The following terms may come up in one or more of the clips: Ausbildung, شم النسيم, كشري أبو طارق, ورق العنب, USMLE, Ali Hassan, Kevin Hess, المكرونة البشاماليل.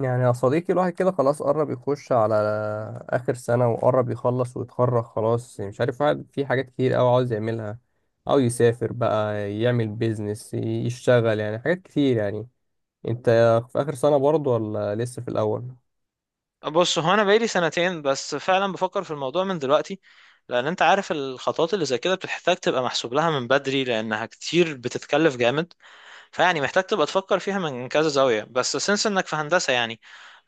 يعني يا صديقي الواحد كده خلاص قرب يخش على آخر سنة وقرب يخلص ويتخرج خلاص، يعني مش عارف، واحد في حاجات كتير أوي عاوز يعملها، أو يسافر بقى، يعمل بيزنس، يشتغل، يعني حاجات كتير. يعني أنت في آخر سنة برضه ولا لسه في الأول؟ بص، هو انا بقالي سنتين، بس فعلا بفكر في الموضوع من دلوقتي، لان انت عارف الخطوات اللي زي كده بتحتاج تبقى محسوب لها من بدري لانها كتير، بتتكلف جامد. فيعني محتاج تبقى تفكر فيها من كذا زاوية، بس سنس انك في هندسة، يعني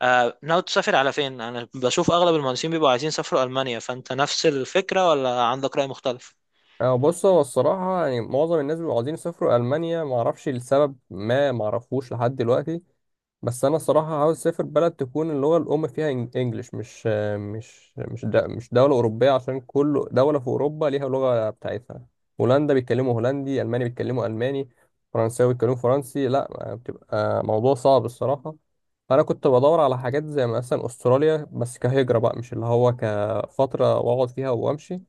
آه، ناوي تسافر على فين؟ انا بشوف اغلب المهندسين بيبقوا عايزين يسافروا المانيا، فانت نفس الفكرة ولا عندك رأي مختلف؟ أه، بص، هو الصراحة يعني معظم الناس بيبقوا عاوزين يسافروا ألمانيا، معرفش لسبب ما، معرفوش لحد دلوقتي. بس انا الصراحه عاوز اسافر بلد تكون اللغه الام فيها انجليش، مش دوله اوروبيه، عشان كل دوله في اوروبا ليها لغه بتاعتها. هولندا بيتكلموا هولندي، الماني بيتكلموا الماني، فرنساوي بيتكلموا فرنسي، لا بتبقى موضوع صعب الصراحه. فانا كنت بدور على حاجات زي مثلا استراليا، بس كهجره بقى، مش اللي هو كفتره واقعد فيها وامشي،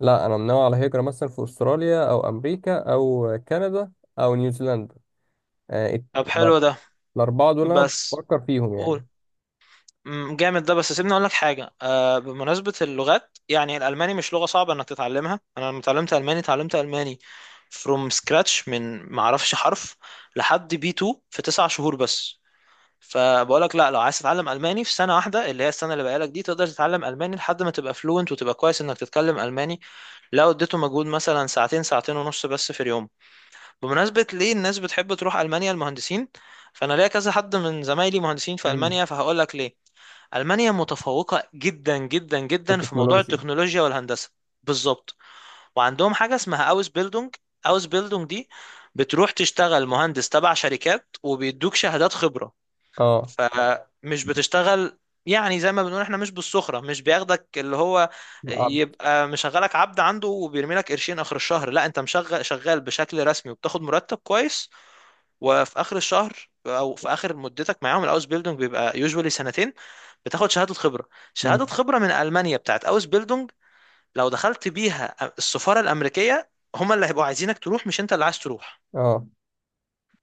لا انا منوع على هجره، مثلا في استراليا او امريكا او كندا او طب نيوزيلندا. حلو ده. الأربعة دول أنا بس بفكر فيهم قول. يعني. جامد ده. بس سيبني اقول لك حاجه، بمناسبه اللغات، يعني الالماني مش لغه صعبه انك تتعلمها. انا لما اتعلمت الماني، اتعلمت الماني from scratch، من ما اعرفش حرف لحد بي 2 في تسع شهور بس. فبقول لك، لا، لو عايز تتعلم الماني في سنه واحده اللي هي السنه اللي بقالك دي، تقدر تتعلم الماني لحد ما تبقى فلوينت، وتبقى كويس انك تتكلم الماني، لو اديته مجهود مثلا ساعتين، ساعتين ونص بس في اليوم. بمناسبه ليه الناس بتحب تروح المانيا، المهندسين؟ فانا ليا كذا حد من زمايلي مهندسين في مم. المانيا، فهقول لك ليه. ألمانيا متفوقة جدا جدا في جدا في موضوع التكنولوجيا. التكنولوجيا والهندسة. بالظبط. وعندهم حاجة اسمها أوس بيلدونج. أوس بيلدونج دي بتروح تشتغل مهندس تبع شركات، وبيدوك شهادات خبرة. اه. فمش بتشتغل، يعني زي ما بنقول احنا، مش بالسخرة، مش بياخدك اللي هو عب- يبقى مشغلك عبد عنده وبيرمي لك قرشين آخر الشهر. لا، انت مشغل شغال بشكل رسمي، وبتاخد مرتب كويس، وفي اخر الشهر او في اخر مدتك معاهم، الاوس بيلدونج بيبقى يوجوالي سنتين، بتاخد شهاده خبره. شهاده مم. خبره من المانيا بتاعت اوس بيلدونج لو دخلت بيها السفاره الامريكيه، هما اللي هيبقوا عايزينك تروح، مش انت اللي عايز تروح. اه،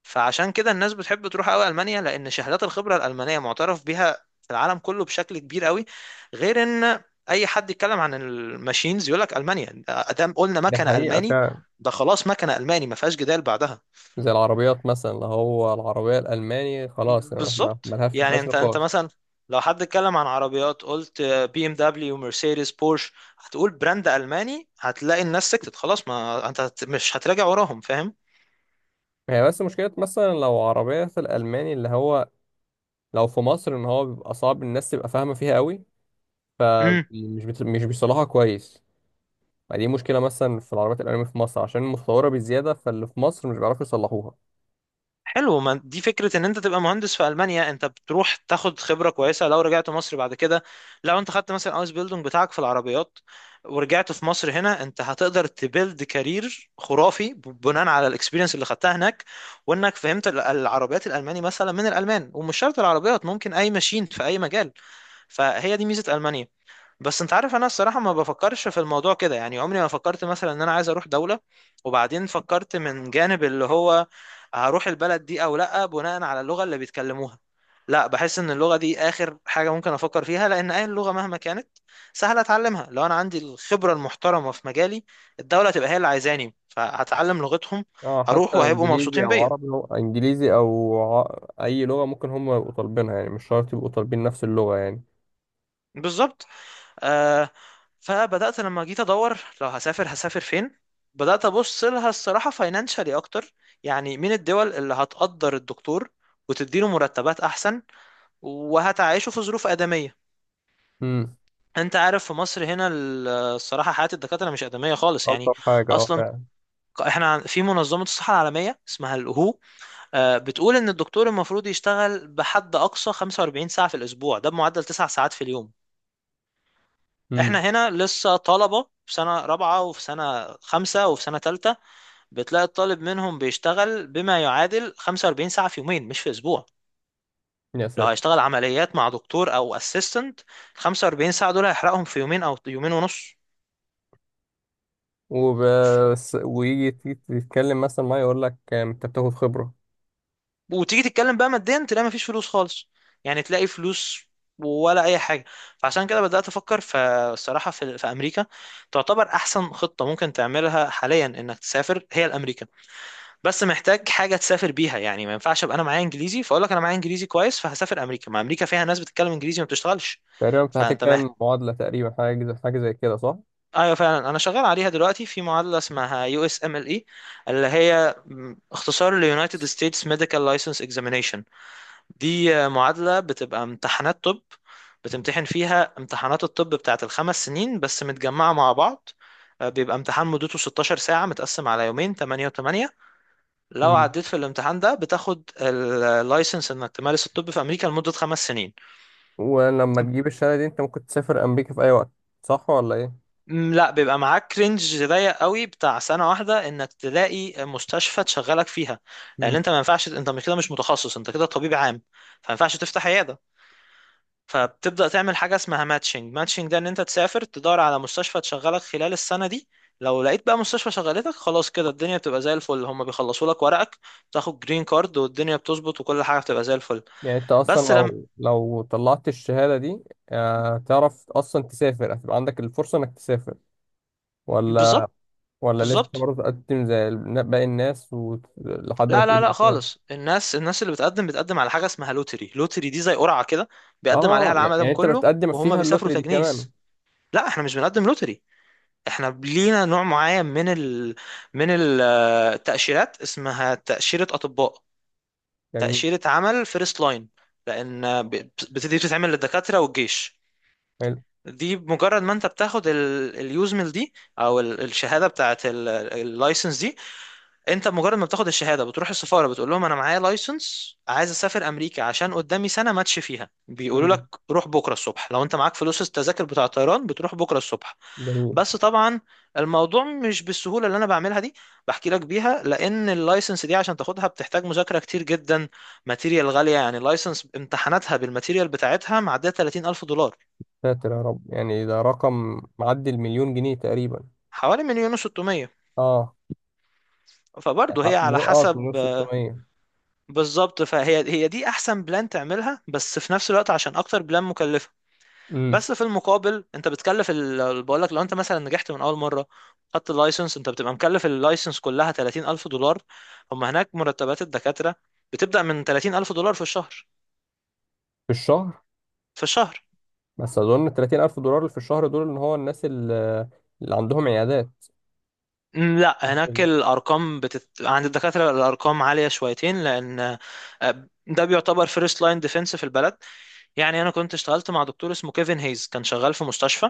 فعشان كده الناس بتحب تروح قوي المانيا، لان شهادات الخبره الالمانيه معترف بيها في العالم كله بشكل كبير قوي. غير ان اي حد يتكلم عن الماشينز، يقول لك المانيا ادام قلنا دي مكنه حقيقة الماني، فعلا. ده خلاص مكنه الماني، ما فيهاش جدال بعدها. زي العربيات مثلا، اللي هو العربية الألماني خلاص، بالظبط. ملهاش، يعني مفيهاش انت، انت نقاش. مثلا لو حد اتكلم عن عربيات، قلت بي ام دبليو، مرسيدس، بورش، هتقول براند الماني، هتلاقي الناس سكتت خلاص، ما انت مش هتراجع وراهم، فاهم؟ هي بس مشكلة مثلا لو عربية في الألماني، اللي هو لو في مصر إن هو بيبقى صعب الناس تبقى فاهمة فيها قوي، فمش بت... مش بيصلحها كويس. ما دي مشكلة مثلا في العربيات الألمانية في مصر، عشان متطورة بزيادة، فاللي في مصر مش بيعرفوا يصلحوها. حلو. ما دي فكرة، ان انت تبقى مهندس في المانيا، انت بتروح تاخد خبرة كويسة لو رجعت مصر بعد كده. لو انت خدت مثلا ايس بيلدونج بتاعك في العربيات، ورجعت في مصر هنا، انت هتقدر تبيلد كارير خرافي بناء على الاكسبيرينس اللي خدتها هناك، وانك فهمت العربيات الالماني مثلا من الالمان، ومش شرط العربيات، ممكن اي ماشين في اي مجال. فهي دي ميزة المانيا. بس انت عارف، انا الصراحه ما بفكرش في الموضوع كده. يعني عمري ما فكرت مثلا ان انا عايز اروح دوله، وبعدين فكرت من جانب اللي هو هروح البلد دي او لا بناء على اللغه اللي بيتكلموها. لا، بحس ان اللغه دي اخر حاجه ممكن افكر فيها، لان اي لغه مهما كانت سهله اتعلمها، لو انا عندي الخبره المحترمه في مجالي، الدوله تبقى هي اللي عايزاني، فهتعلم لغتهم، اه هروح حتى وهيبقوا انجليزي مبسوطين او بيا. عربي، هو انجليزي او ع... اي لغه ممكن هم يبقوا طالبينها، يعني مش شرط يبقوا طالبين نفس اللغه يعني. بالظبط. آه، فبدأت لما جيت أدور لو هسافر هسافر فين، بدأت أبص لها الصراحة فاينانشالي أكتر. يعني مين الدول اللي هتقدر الدكتور وتديله مرتبات أحسن وهتعيشه في ظروف آدمية؟ امم. أنت عارف في مصر هنا الصراحة حياة الدكاترة مش آدمية خالص يعني. الطف حاجه اه أصلا فعلا. احنا في منظمة الصحة العالمية اسمها الهو، بتقول إن الدكتور المفروض يشتغل بحد أقصى 45 ساعة في الأسبوع، ده بمعدل 9 ساعات في اليوم. احنا امم. هنا لسه طلبة في سنة رابعة، وفي سنة خمسة، وفي سنة تالتة، بتلاقي الطالب منهم بيشتغل بما يعادل 45 ساعة في يومين، مش في أسبوع. يا لو ساتر. هيشتغل عمليات مع دكتور أو أسيستنت، 45 ساعة دول هيحرقهم في يومين أو يومين ونص. وبس، ويجي تيجي تتكلم مثلا، ما يقول لك انت بتاخد خبره. وتيجي تتكلم بقى ماديا، تلاقي مفيش فلوس خالص. يعني تلاقي فلوس ولا اي حاجه. فعشان كده بدات افكر في الصراحه في امريكا. تعتبر احسن خطه ممكن تعملها حاليا انك تسافر هي الامريكا. بس محتاج حاجه تسافر بيها، يعني ما ينفعش ابقى انا معايا انجليزي، فاقول لك انا معايا انجليزي كويس فهسافر امريكا. ما امريكا فيها ناس بتتكلم انجليزي، ما بتشتغلش. تقريبا انت فانت محتاج. هتتكلم معادله تقريبا، حاجه زي حاجه زي كده، صح؟ ايوه، فعلا انا شغال عليها دلوقتي، في معادله اسمها يو اس ام ال اي، اللي هي اختصار ليونايتد ستيتس ميديكال لايسنس اكزامينيشن. دي معادله بتبقى امتحانات طب، بتمتحن فيها امتحانات الطب بتاعت الخمس سنين بس متجمعه مع بعض. بيبقى امتحان مدته 16 ساعه متقسم على يومين، 8 و8. لو امم. عديت في الامتحان ده، بتاخد اللايسنس انك تمارس الطب في امريكا لمدة خمس سنين. ولما تجيب الشهاده دي انت ممكن تسافر امريكا في اي وقت، صح ولا ايه؟ لا، بيبقى معاك رينج ضيق قوي بتاع سنة واحدة انك تلاقي مستشفى تشغلك فيها. لان امم. انت ما ينفعش، انت مش كده، مش متخصص، انت كده طبيب عام، فما ينفعش تفتح عيادة. فبتبدأ تعمل حاجة اسمها ماتشنج. ماتشنج ده ان انت تسافر تدور على مستشفى تشغلك خلال السنة دي. لو لقيت بقى مستشفى شغلتك، خلاص كده الدنيا بتبقى زي الفل، هما بيخلصوا لك ورقك، تاخد جرين كارد، والدنيا بتظبط وكل حاجة بتبقى زي الفل. يعني انت اصلا بس لما. لو طلعت الشهاده دي، تعرف اصلا تسافر، هتبقى عندك الفرصه انك تسافر ولا بالظبط ولا لسه بالظبط. برضه تقدم زي باقي الناس لحد ما لا لا لا تقدم فيها؟ خالص. الناس اللي بتقدم، بتقدم على حاجه اسمها لوتري. لوتري دي زي قرعه كده، بيقدم عليها اه العالم يعني انت كله بتقدم وهم فيها بيسافروا اللوتري دي كمان. تجنيس. لا، احنا مش بنقدم لوتري. احنا لينا نوع معين من من التاشيرات، اسمها تاشيره اطباء. جميل. تاشيره عمل فيرست لاين. لان دي بتتعمل للدكاتره والجيش. حلو. دي مجرد ما انت بتاخد اليوزمل دي او الشهاده بتاعت اللايسنس، انت مجرد ما بتاخد الشهاده، بتروح السفاره، بتقول لهم انا معايا لايسنس، عايز اسافر امريكا، عشان قدامي سنه ماتش فيها، بيقولوا لك امم. روح بكره الصبح، لو انت معاك فلوس التذاكر بتاع الطيران بتروح بكره الصبح. جميل. بس طبعا الموضوع مش بالسهوله اللي انا بعملها دي، بحكي لك بيها، لان اللايسنس دي عشان تاخدها بتحتاج مذاكره كتير جدا. ماتيريال غاليه، يعني اللايسنس امتحاناتها بالماتيريال بتاعتها معديه 30,000 دولار. ساتر يا رب، يعني ده رقم معدي المليون جنيه تقريبا. حوالي مليون و600. اه يعني فبرضه هي على مليون، اه مليون حسب. 600. بالظبط. فهي هي دي احسن بلان تعملها، بس في نفس الوقت عشان اكتر بلان مكلفه. امم. بس في المقابل انت بتكلف بقول لك، لو انت مثلا نجحت من اول مره، خدت اللايسنس، انت بتبقى مكلف اللايسنس كلها 30,000 دولار. هم هناك مرتبات الدكاتره بتبدا من 30,000 دولار في الشهر. في الشهر. في الشهر. بس اظن 30000 دولار في الشهر دول ان هو الناس اللي عندهم عيادات. لا، هناك الارقام عند الدكاتره الارقام عاليه شويتين، لان ده بيعتبر فيرست لاين ديفense في البلد. يعني انا كنت اشتغلت مع دكتور اسمه كيفن هيز، كان شغال في مستشفى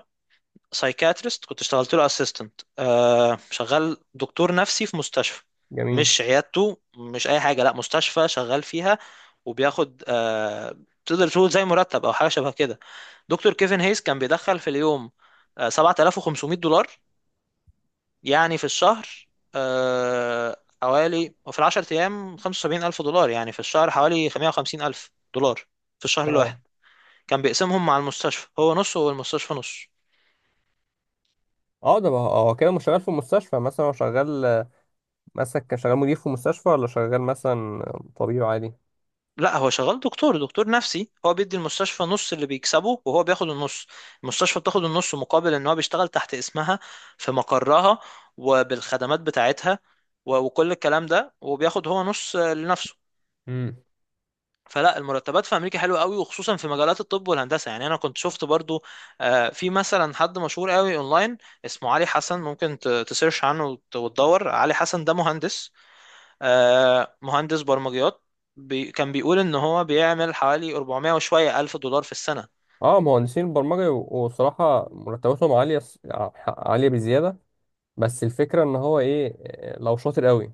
سايكاتريست. كنت اشتغلت له اسيستنت، شغال دكتور نفسي في مستشفى، جميل. مش عيادته، مش اي حاجه، لا مستشفى شغال فيها. وبياخد، تقدر تقول زي مرتب او حاجه شبه كده. دكتور كيفن هيس كان بيدخل في اليوم 7,500 دولار. يعني في الشهر، حوالي، وفي العشر ايام 75,000 دولار، يعني في الشهر حوالي 150,000 دولار في الشهر اه. الواحد. كان بيقسمهم مع المستشفى، هو نص والمستشفى نص. اه اه كده مش شغال في المستشفى، مثلا هو شغال مثلا، كان شغال مدير في مستشفى، ولا شغال مثلا طبيب عادي؟ لا، هو شغال دكتور نفسي. هو بيدي المستشفى نص اللي بيكسبه، وهو بياخد النص. المستشفى بتاخد النص مقابل ان هو بيشتغل تحت اسمها، في مقرها، وبالخدمات بتاعتها وكل الكلام ده، وبياخد هو نص لنفسه. امم. فلا، المرتبات في امريكا حلوه قوي، وخصوصا في مجالات الطب والهندسه. يعني انا كنت شفت برضو، في مثلا حد مشهور قوي اونلاين، اسمه علي حسن، ممكن تسيرش عنه وتدور، علي حسن ده مهندس، مهندس برمجيات. بي، كان بيقول ان هو بيعمل حوالي 400 وشوية الف دولار في السنة. اه مهندسين البرمجة، وصراحة مرتباتهم عالية، عالية بزيادة. بس الفكرة ان هو ايه، لو شاطر قوي،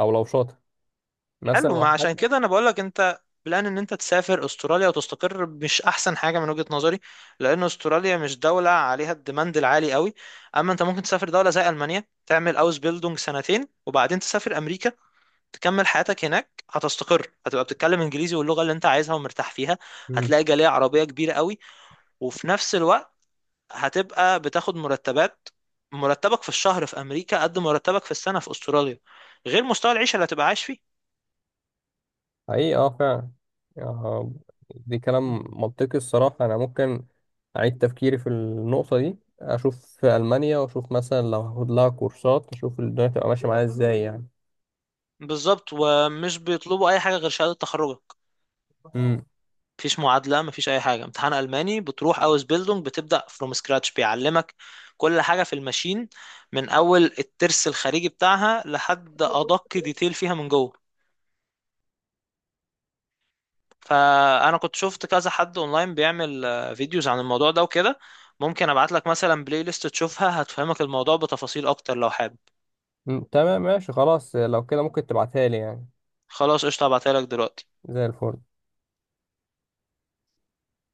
او لو شاطر، مثلا حلو. ما عشان واحد. كده انا بقولك انت، بلان ان انت تسافر استراليا وتستقر، مش احسن حاجة من وجهة نظري، لان استراليا مش دولة عليها الديماند العالي قوي. اما انت ممكن تسافر دولة زي المانيا، تعمل اوس بيلدونج سنتين، وبعدين تسافر امريكا، تكمل حياتك هناك، هتستقر، هتبقى بتتكلم انجليزي واللغة اللي انت عايزها ومرتاح فيها. امم. هتلاقي جالية عربية كبيرة قوي، وفي نفس الوقت هتبقى بتاخد مرتبات. مرتبك في الشهر في امريكا قد مرتبك في السنه في استراليا، غير مستوى العيشه اللي هتبقى عايش فيه. حقيقي اه فعلا. آه، دي كلام منطقي الصراحة. أنا ممكن أعيد تفكيري في النقطة دي، أشوف في ألمانيا، وأشوف مثلا لو هاخد لها كورسات، أشوف الدنيا تبقى ماشية معايا إزاي يعني. بالظبط. ومش بيطلبوا اي حاجه غير شهاده تخرجك. امم. مفيش معادله، مفيش اي حاجه، امتحان الماني، بتروح اوس بيلدونج، بتبدا فروم سكراتش، بيعلمك كل حاجه في الماشين، من اول الترس الخارجي بتاعها لحد ادق ديتيل فيها من جوه. فانا كنت شفت كذا حد اونلاين بيعمل فيديوز عن الموضوع ده وكده. ممكن ابعت لك مثلا بلاي ليست تشوفها، هتفهمك الموضوع بتفاصيل اكتر لو حابب. تمام، ماشي خلاص، لو كده ممكن تبعتها لي يعني. خلاص قشطة، هبعتها لك دلوقتي. زي الفل.